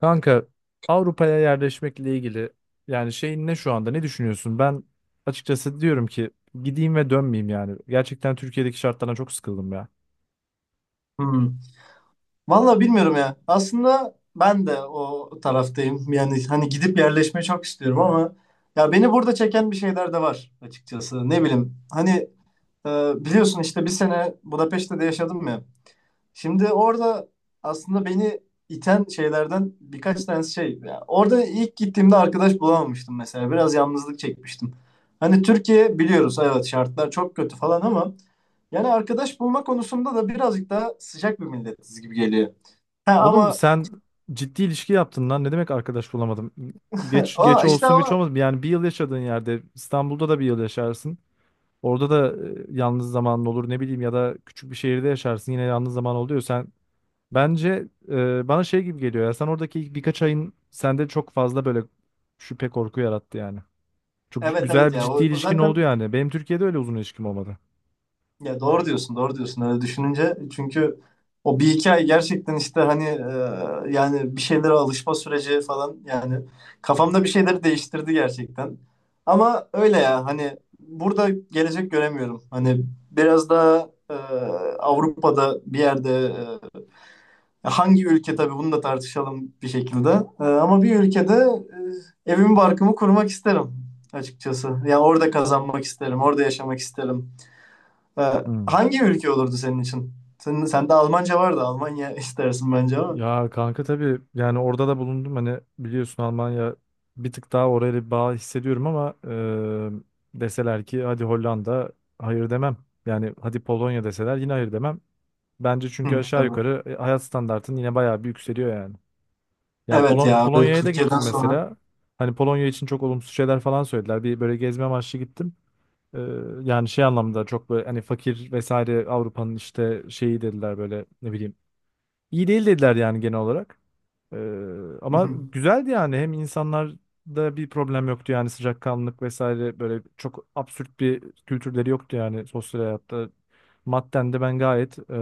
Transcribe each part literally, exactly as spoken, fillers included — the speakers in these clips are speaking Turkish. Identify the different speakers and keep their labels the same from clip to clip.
Speaker 1: Kanka, Avrupa'ya yerleşmekle ilgili yani şeyin ne şu anda ne düşünüyorsun? Ben açıkçası diyorum ki gideyim ve dönmeyeyim yani. Gerçekten Türkiye'deki şartlardan çok sıkıldım ya.
Speaker 2: Hmm. Vallahi bilmiyorum ya. Aslında ben de o taraftayım. Yani hani gidip yerleşmeyi çok istiyorum ama ya beni burada çeken bir şeyler de var açıkçası. Ne bileyim. Hani e, biliyorsun işte bir sene Budapeşte'de yaşadım ya. Şimdi orada aslında beni iten şeylerden birkaç tanesi şey. Ya orada ilk gittiğimde arkadaş bulamamıştım mesela. Biraz yalnızlık çekmiştim. Hani Türkiye biliyoruz, evet şartlar çok kötü falan ama yani arkadaş bulma konusunda da birazcık daha sıcak bir milletiz gibi geliyor. Ha,
Speaker 1: Oğlum
Speaker 2: ama
Speaker 1: sen ciddi ilişki yaptın lan, ne demek arkadaş bulamadım? Geç geç
Speaker 2: o işte
Speaker 1: olsun güç
Speaker 2: ama
Speaker 1: olmasın yani, bir yıl yaşadığın yerde İstanbul'da da bir yıl yaşarsın. Orada da e, yalnız zamanın olur, ne bileyim, ya da küçük bir şehirde yaşarsın, yine yalnız zaman oluyor. Sen Bence e, bana şey gibi geliyor ya. Sen oradaki ilk birkaç ayın sende çok fazla böyle şüphe korku yarattı yani. Çok c-
Speaker 2: evet, evet
Speaker 1: güzel bir
Speaker 2: ya
Speaker 1: ciddi
Speaker 2: o, o
Speaker 1: ilişkin oldu
Speaker 2: zaten
Speaker 1: yani. Benim Türkiye'de öyle uzun ilişkim olmadı.
Speaker 2: ya doğru diyorsun, doğru diyorsun öyle düşününce. Çünkü o bir iki ay gerçekten işte hani e, yani bir şeylere alışma süreci falan yani kafamda bir şeyleri değiştirdi gerçekten. Ama öyle ya hani burada gelecek göremiyorum. Hani biraz daha e, Avrupa'da bir yerde, e, hangi ülke tabii bunu da tartışalım bir şekilde. E, ama bir ülkede e, evimi barkımı kurmak isterim açıkçası. Ya orada kazanmak isterim, orada yaşamak isterim. Ha,
Speaker 1: Hmm.
Speaker 2: hangi ülke olurdu senin için? Senin, sende Almanca vardı. Almanya istersin bence ama.
Speaker 1: Ya kanka, tabii yani orada da bulundum, hani biliyorsun Almanya bir tık daha, oraya bir bağ hissediyorum ama e, deseler ki hadi Hollanda, hayır demem. Yani hadi Polonya deseler, yine hayır demem. Bence çünkü
Speaker 2: Hı,
Speaker 1: aşağı
Speaker 2: tabii.
Speaker 1: yukarı e, hayat standartın yine bayağı bir yükseliyor yani. Yani
Speaker 2: Evet
Speaker 1: Polo-
Speaker 2: ya. Böyle
Speaker 1: Polonya'ya da
Speaker 2: Türkiye'den
Speaker 1: gittim
Speaker 2: sonra.
Speaker 1: mesela. Hani Polonya için çok olumsuz şeyler falan söylediler. Bir böyle gezme amaçlı gittim. Ee, yani şey anlamda çok böyle hani fakir vesaire Avrupa'nın işte şeyi dediler, böyle ne bileyim, İyi değil dediler yani genel olarak. Ee,
Speaker 2: Hı
Speaker 1: ama
Speaker 2: hı.
Speaker 1: güzeldi yani. Hem insanlarda bir problem yoktu yani, sıcakkanlılık vesaire, böyle çok absürt bir kültürleri yoktu yani sosyal hayatta. Madden de ben gayet e,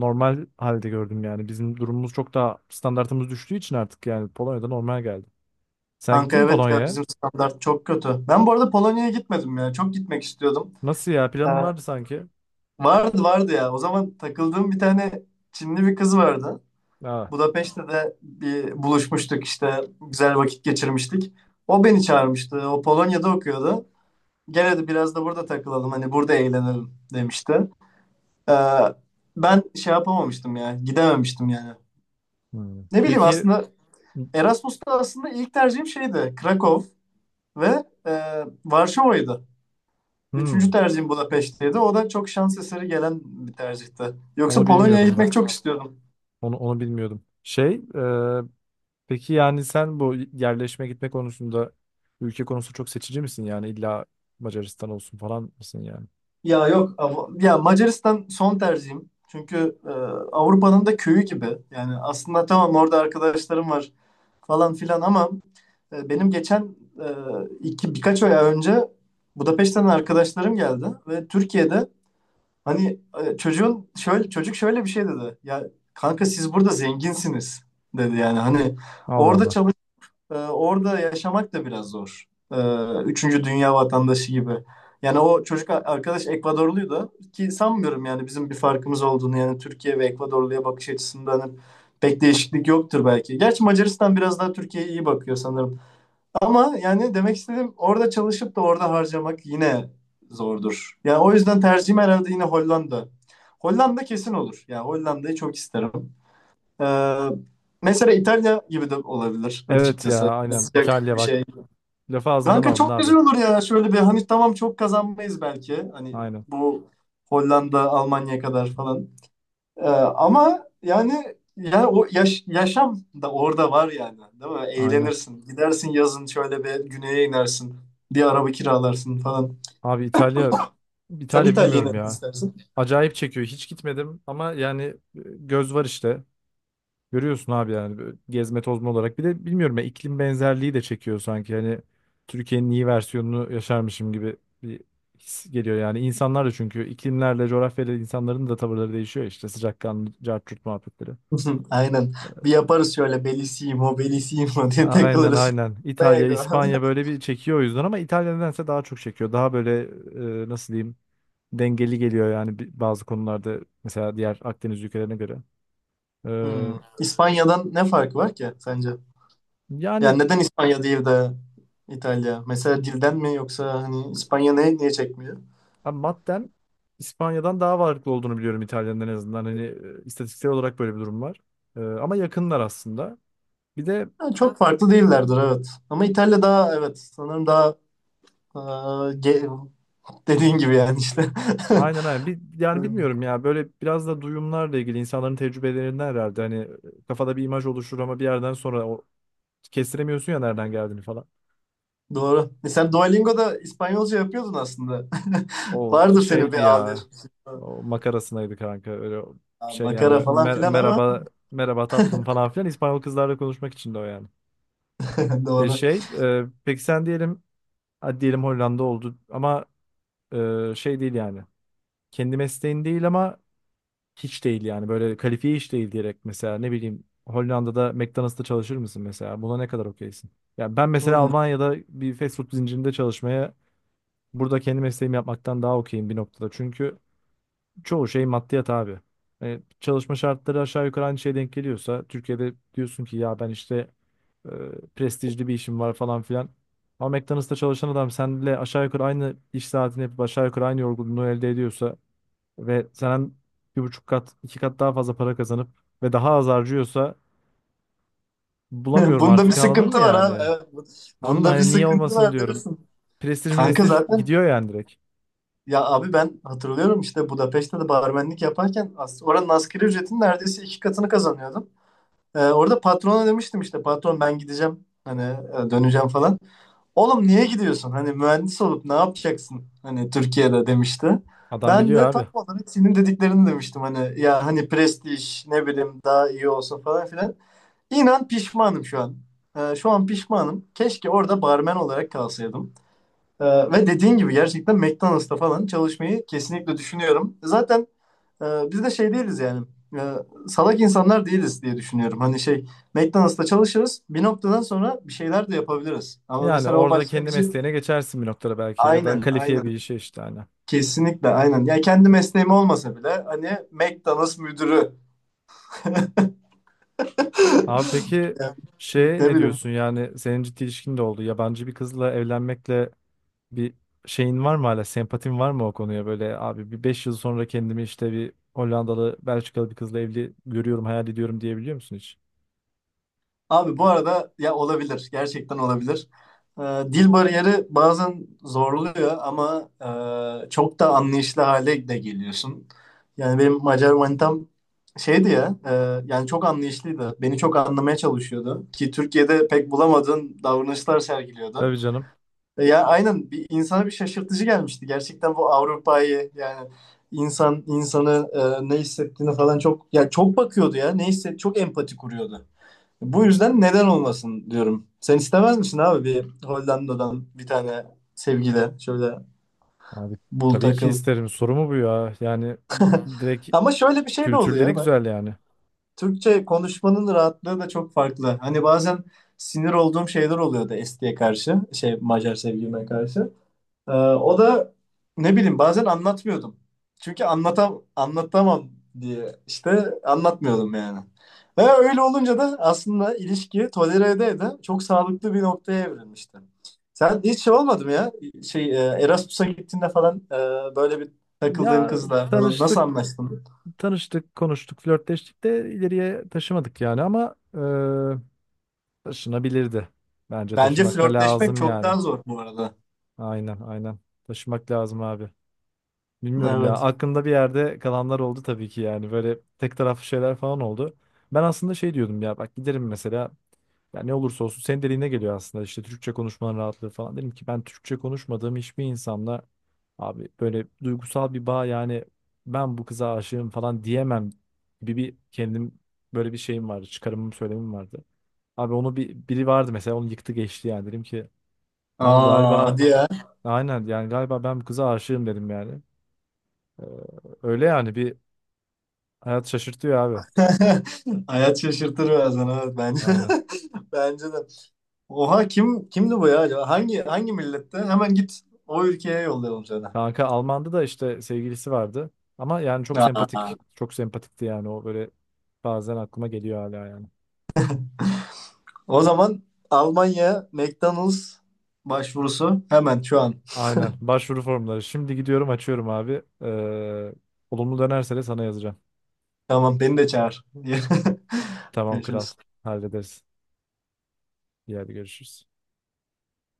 Speaker 1: normal halde gördüm yani. Bizim durumumuz çok daha, standartımız düştüğü için artık, yani Polonya'da normal geldi. Sen
Speaker 2: Kanka
Speaker 1: gittin mi
Speaker 2: evet ya
Speaker 1: Polonya'ya?
Speaker 2: bizim standart çok kötü. Ben bu arada Polonya'ya gitmedim ya. Çok gitmek istiyordum.
Speaker 1: Nasıl ya? Planın
Speaker 2: Ha,
Speaker 1: vardı sanki.
Speaker 2: vardı vardı ya. O zaman takıldığım bir tane Çinli bir kız vardı.
Speaker 1: Aa.
Speaker 2: Budapeşte de bir buluşmuştuk işte. Güzel vakit geçirmiştik. O beni çağırmıştı. O Polonya'da okuyordu. Gel hadi biraz da burada takılalım. Hani burada eğlenelim demişti. Ee, ben şey yapamamıştım ya. Gidememiştim yani.
Speaker 1: Hmm.
Speaker 2: Ne bileyim,
Speaker 1: Peki.
Speaker 2: aslında Erasmus'ta aslında ilk tercihim şeydi. Krakow ve e, Varşova'ydı. Üçüncü
Speaker 1: Hmm,
Speaker 2: tercihim Budapeşte'ydi. O da çok şans eseri gelen bir tercihti. Yoksa
Speaker 1: onu
Speaker 2: Polonya'ya
Speaker 1: bilmiyordum
Speaker 2: gitmek
Speaker 1: bak.
Speaker 2: çok istiyordum.
Speaker 1: Onu onu bilmiyordum. Şey, e, Peki yani sen bu yerleşme gitme konusunda ülke konusu çok seçici misin yani, illa Macaristan olsun falan mısın yani?
Speaker 2: Ya yok, Av- ya Macaristan son tercihim. Çünkü e, Avrupa'nın da köyü gibi. Yani aslında tamam, orada arkadaşlarım var, falan filan ama e, benim geçen e, iki birkaç ay önce Budapeşte'den arkadaşlarım geldi ve Türkiye'de hani e, çocuğun şöyle çocuk şöyle bir şey dedi. Ya kanka siz burada zenginsiniz, dedi yani hani
Speaker 1: Allah
Speaker 2: orada
Speaker 1: Allah.
Speaker 2: çalış, ee, orada yaşamak da biraz zor. Ee, üçüncü dünya vatandaşı gibi. Yani o çocuk a- arkadaş Ekvadorluydu ki sanmıyorum yani bizim bir farkımız olduğunu, yani Türkiye ve Ekvadorlu'ya bakış açısından hani pek değişiklik yoktur belki. Gerçi Macaristan biraz daha Türkiye'ye iyi bakıyor sanırım. Ama yani demek istediğim orada çalışıp da orada harcamak yine zordur. Yani o yüzden tercihim herhalde yine Hollanda. Hollanda kesin olur. Yani Hollanda'yı çok isterim. Ee, mesela İtalya gibi de olabilir
Speaker 1: Evet ya,
Speaker 2: açıkçası.
Speaker 1: aynen
Speaker 2: Sıcak
Speaker 1: İtalya
Speaker 2: bir
Speaker 1: bak,
Speaker 2: şey.
Speaker 1: lafı ağzından
Speaker 2: Kanka
Speaker 1: aldın
Speaker 2: çok güzel
Speaker 1: abi.
Speaker 2: olur ya. Şöyle bir hani tamam çok kazanmayız belki. Hani
Speaker 1: Aynen
Speaker 2: bu Hollanda, Almanya kadar falan. Ee, ama yani yani o yaş- yaşam da orada var yani. Değil mi?
Speaker 1: aynen.
Speaker 2: Eğlenirsin. Gidersin, yazın şöyle bir güneye inersin. Bir araba kiralarsın falan.
Speaker 1: Abi İtalya,
Speaker 2: Sen
Speaker 1: İtalya
Speaker 2: İtalya'yı
Speaker 1: bilmiyorum
Speaker 2: nereden
Speaker 1: ya.
Speaker 2: istersin?
Speaker 1: Acayip çekiyor. Hiç gitmedim ama yani e, göz var işte. Görüyorsun abi yani, böyle gezme tozma olarak. Bir de bilmiyorum ya, iklim benzerliği de çekiyor sanki. Hani Türkiye'nin iyi versiyonunu yaşarmışım gibi bir his geliyor yani. İnsanlar da çünkü iklimlerle, coğrafyayla insanların da tavırları değişiyor ya, işte sıcakkanlı, cart curt muhabbetleri.
Speaker 2: Aynen. Bir yaparız şöyle Bellissimo, Bellissimo diye
Speaker 1: Aynen
Speaker 2: takılırız.
Speaker 1: aynen. İtalya,
Speaker 2: Lego.
Speaker 1: İspanya böyle bir çekiyor o yüzden, ama İtalya nedense daha çok çekiyor. Daha böyle e, nasıl diyeyim, dengeli geliyor yani bi- bazı konularda mesela, diğer Akdeniz ülkelerine göre. Ee,
Speaker 2: Hmm. İspanya'dan ne farkı var ki sence?
Speaker 1: yani
Speaker 2: Yani neden İspanya değil de İtalya? Mesela dilden mi, yoksa hani İspanya ne, niye çekmiyor?
Speaker 1: Abi maddem İspanya'dan daha varlıklı olduğunu biliyorum İtalya'nın, en azından. Hani e, istatistiksel olarak böyle bir durum var. E, ama yakınlar aslında. Bir de
Speaker 2: Yani çok farklı değillerdir, evet. Ama İtalya daha, evet sanırım daha e, ge- dediğin gibi yani işte.
Speaker 1: aynen aynen. Bir, yani bilmiyorum ya, böyle biraz da duyumlarla ilgili, insanların tecrübelerinden herhalde. Hani e, kafada bir imaj oluşur ama bir yerden sonra o, kestiremiyorsun ya nereden geldiğini falan.
Speaker 2: Doğru. E sen Duolingo'da İspanyolca yapıyordun aslında.
Speaker 1: O
Speaker 2: Vardır senin
Speaker 1: şeydi
Speaker 2: bir A bir.
Speaker 1: ya. O makarasındaydı kanka. Öyle o
Speaker 2: Ha,
Speaker 1: şey yani
Speaker 2: makara falan
Speaker 1: mer-
Speaker 2: filan ama
Speaker 1: merhaba, merhaba tatlım falan filan, İspanyol kızlarla konuşmak için de o yani. E,
Speaker 2: doğru.
Speaker 1: şey e, peki sen diyelim, hadi diyelim Hollanda oldu ama e, şey değil yani. Kendi mesleğin değil ama hiç değil yani. Böyle kalifiye hiç değil diyerek, mesela ne bileyim, Hollanda'da McDonald's'ta çalışır mısın mesela? Buna ne kadar okeysin? Ya ben mesela
Speaker 2: Hmm.
Speaker 1: Almanya'da bir fast food zincirinde çalışmaya, burada kendi mesleğimi yapmaktan daha okeyim bir noktada. Çünkü çoğu şey maddiyat abi. E, çalışma şartları aşağı yukarı aynı şeye denk geliyorsa, Türkiye'de diyorsun ki ya ben işte e, prestijli bir işim var falan filan. Ama McDonald's'ta çalışan adam seninle aşağı yukarı aynı iş saatini yapıp, aşağı yukarı aynı yorgunluğu elde ediyorsa ve senden bir buçuk kat, iki kat daha fazla para kazanıp ve daha az harcıyorsa, bulamıyorum
Speaker 2: Bunda bir
Speaker 1: artık, anladın mı
Speaker 2: sıkıntı var abi.
Speaker 1: yani?
Speaker 2: Evet. bu-
Speaker 1: Anladın mı?
Speaker 2: Bunda bir
Speaker 1: Hani niye
Speaker 2: sıkıntı
Speaker 1: olmasın
Speaker 2: var
Speaker 1: diyorum.
Speaker 2: dersin.
Speaker 1: Prestij
Speaker 2: Kanka
Speaker 1: prestij
Speaker 2: zaten
Speaker 1: gidiyor yani, direkt.
Speaker 2: ya abi ben hatırlıyorum, işte Budapeşte de barmenlik yaparken as- oranın asgari ücretin neredeyse iki katını kazanıyordum. Ee, orada patrona demiştim, işte patron ben gideceğim hani e, döneceğim falan. Oğlum niye gidiyorsun? Hani mühendis olup ne yapacaksın? Hani Türkiye'de demişti.
Speaker 1: Adam
Speaker 2: Ben
Speaker 1: biliyor
Speaker 2: de tam
Speaker 1: abi.
Speaker 2: olarak senin dediklerini demiştim hani, ya hani prestij ne bileyim daha iyi olsun falan filan. İnan pişmanım şu an. Ee, şu an pişmanım. Keşke orada barmen olarak kalsaydım. Ee, ve dediğin gibi gerçekten McDonald's'ta falan çalışmayı kesinlikle düşünüyorum. Zaten ee, biz de şey değiliz yani. Ee, salak insanlar değiliz diye düşünüyorum. Hani şey, McDonald's'ta çalışırız. Bir noktadan sonra bir şeyler de yapabiliriz. Ama
Speaker 1: Yani
Speaker 2: mesela o
Speaker 1: orada kendi
Speaker 2: başlangıcı,
Speaker 1: mesleğine geçersin bir noktada belki, ya da
Speaker 2: aynen
Speaker 1: kalifiye
Speaker 2: aynen
Speaker 1: bir işe işte, hani.
Speaker 2: kesinlikle aynen. Ya kendi mesleğim olmasa bile hani McDonald's müdürü.
Speaker 1: Abi peki
Speaker 2: Yani,
Speaker 1: şey,
Speaker 2: ne
Speaker 1: ne
Speaker 2: bileyim.
Speaker 1: diyorsun yani, senin ciddi ilişkin de oldu. Yabancı bir kızla evlenmekle bir şeyin var mı, hala sempatin var mı o konuya, böyle abi bir beş yıl sonra kendimi işte bir Hollandalı Belçikalı bir kızla evli görüyorum, hayal ediyorum diyebiliyor musun hiç?
Speaker 2: Abi bu arada ya olabilir. Gerçekten olabilir. Ee, dil bariyeri bazen zorluyor ama e, çok da anlayışlı hale de geliyorsun. Yani benim Macar manitam şeydi ya, e, yani çok anlayışlıydı. Beni çok anlamaya çalışıyordu ki Türkiye'de pek bulamadığın davranışlar sergiliyordu.
Speaker 1: Tabii canım.
Speaker 2: E, ya aynen bir insana bir şaşırtıcı gelmişti. Gerçekten bu Avrupa'yı yani insan insanı e, ne hissettiğini falan çok, ya çok bakıyordu ya, ne hisset, çok empati kuruyordu. Bu yüzden neden olmasın diyorum. Sen istemez misin abi, bir Hollanda'dan bir tane sevgili şöyle
Speaker 1: Abi
Speaker 2: bul
Speaker 1: tabii ki
Speaker 2: takıl.
Speaker 1: isterim, soru mu bu ya yani, direkt
Speaker 2: Ama şöyle bir şey de
Speaker 1: kültürleri
Speaker 2: oluyor bak.
Speaker 1: güzel yani.
Speaker 2: Türkçe konuşmanın rahatlığı da çok farklı. Hani bazen sinir olduğum şeyler oluyordu Esti'ye karşı, şey Macar sevgilime karşı. Ee, o da ne bileyim bazen anlatmıyordum. Çünkü anlatam anlatamam diye işte anlatmıyordum yani. Ve öyle olunca da aslında ilişki tolere ede ede çok sağlıklı bir noktaya evrilmişti. Sen hiç şey olmadı mı ya? Şey e, Erasmus'a gittiğinde falan, e, böyle bir takıldığın
Speaker 1: Ya
Speaker 2: kızla falan nasıl
Speaker 1: tanıştık,
Speaker 2: anlaştın?
Speaker 1: tanıştık, konuştuk, flörtleştik de ileriye taşımadık yani, ama e, taşınabilirdi. Bence
Speaker 2: Bence
Speaker 1: taşımak da
Speaker 2: flörtleşmek
Speaker 1: lazım
Speaker 2: çok
Speaker 1: yani.
Speaker 2: daha zor bu arada.
Speaker 1: Aynen, aynen. Taşımak lazım abi. Bilmiyorum ya.
Speaker 2: Evet.
Speaker 1: Aklımda bir yerde kalanlar oldu tabii ki yani. Böyle tek taraflı şeyler falan oldu. Ben aslında şey diyordum ya bak, giderim mesela, ya ne olursa olsun senin dediğine geliyor aslında işte, Türkçe konuşmanın rahatlığı falan. Dedim ki ben Türkçe konuşmadığım hiçbir insanla abi böyle duygusal bir bağ yani, ben bu kıza aşığım falan diyemem gibi bir kendim, böyle bir şeyim vardı. Çıkarımım, söylemim vardı. Abi onu bir, biri vardı mesela, onu yıktı geçti yani, dedim ki tamam
Speaker 2: Aa
Speaker 1: galiba,
Speaker 2: hadi ya.
Speaker 1: aynen yani, galiba ben bu kıza aşığım dedim yani. Ee, öyle yani bir, hayat şaşırtıyor abi.
Speaker 2: Hayat şaşırtır bazen, evet bence.
Speaker 1: Aynen.
Speaker 2: Bence de. Oha kim kimdi bu ya acaba? Hangi, hangi millette? Hemen git o ülkeye yollayalım seni.
Speaker 1: Kanka Alman'da da işte sevgilisi vardı. Ama yani çok
Speaker 2: Aa,
Speaker 1: sempatik, çok sempatikti yani o, böyle bazen aklıma geliyor hala yani.
Speaker 2: o zaman Almanya McDonald's başvurusu hemen şu an.
Speaker 1: Aynen. Başvuru formları. Şimdi gidiyorum açıyorum abi. Ee, olumlu dönerse de sana yazacağım.
Speaker 2: Tamam beni de çağır.
Speaker 1: Tamam kral.
Speaker 2: Görüşürüz.
Speaker 1: Hallederiz. İyi hadi, görüşürüz.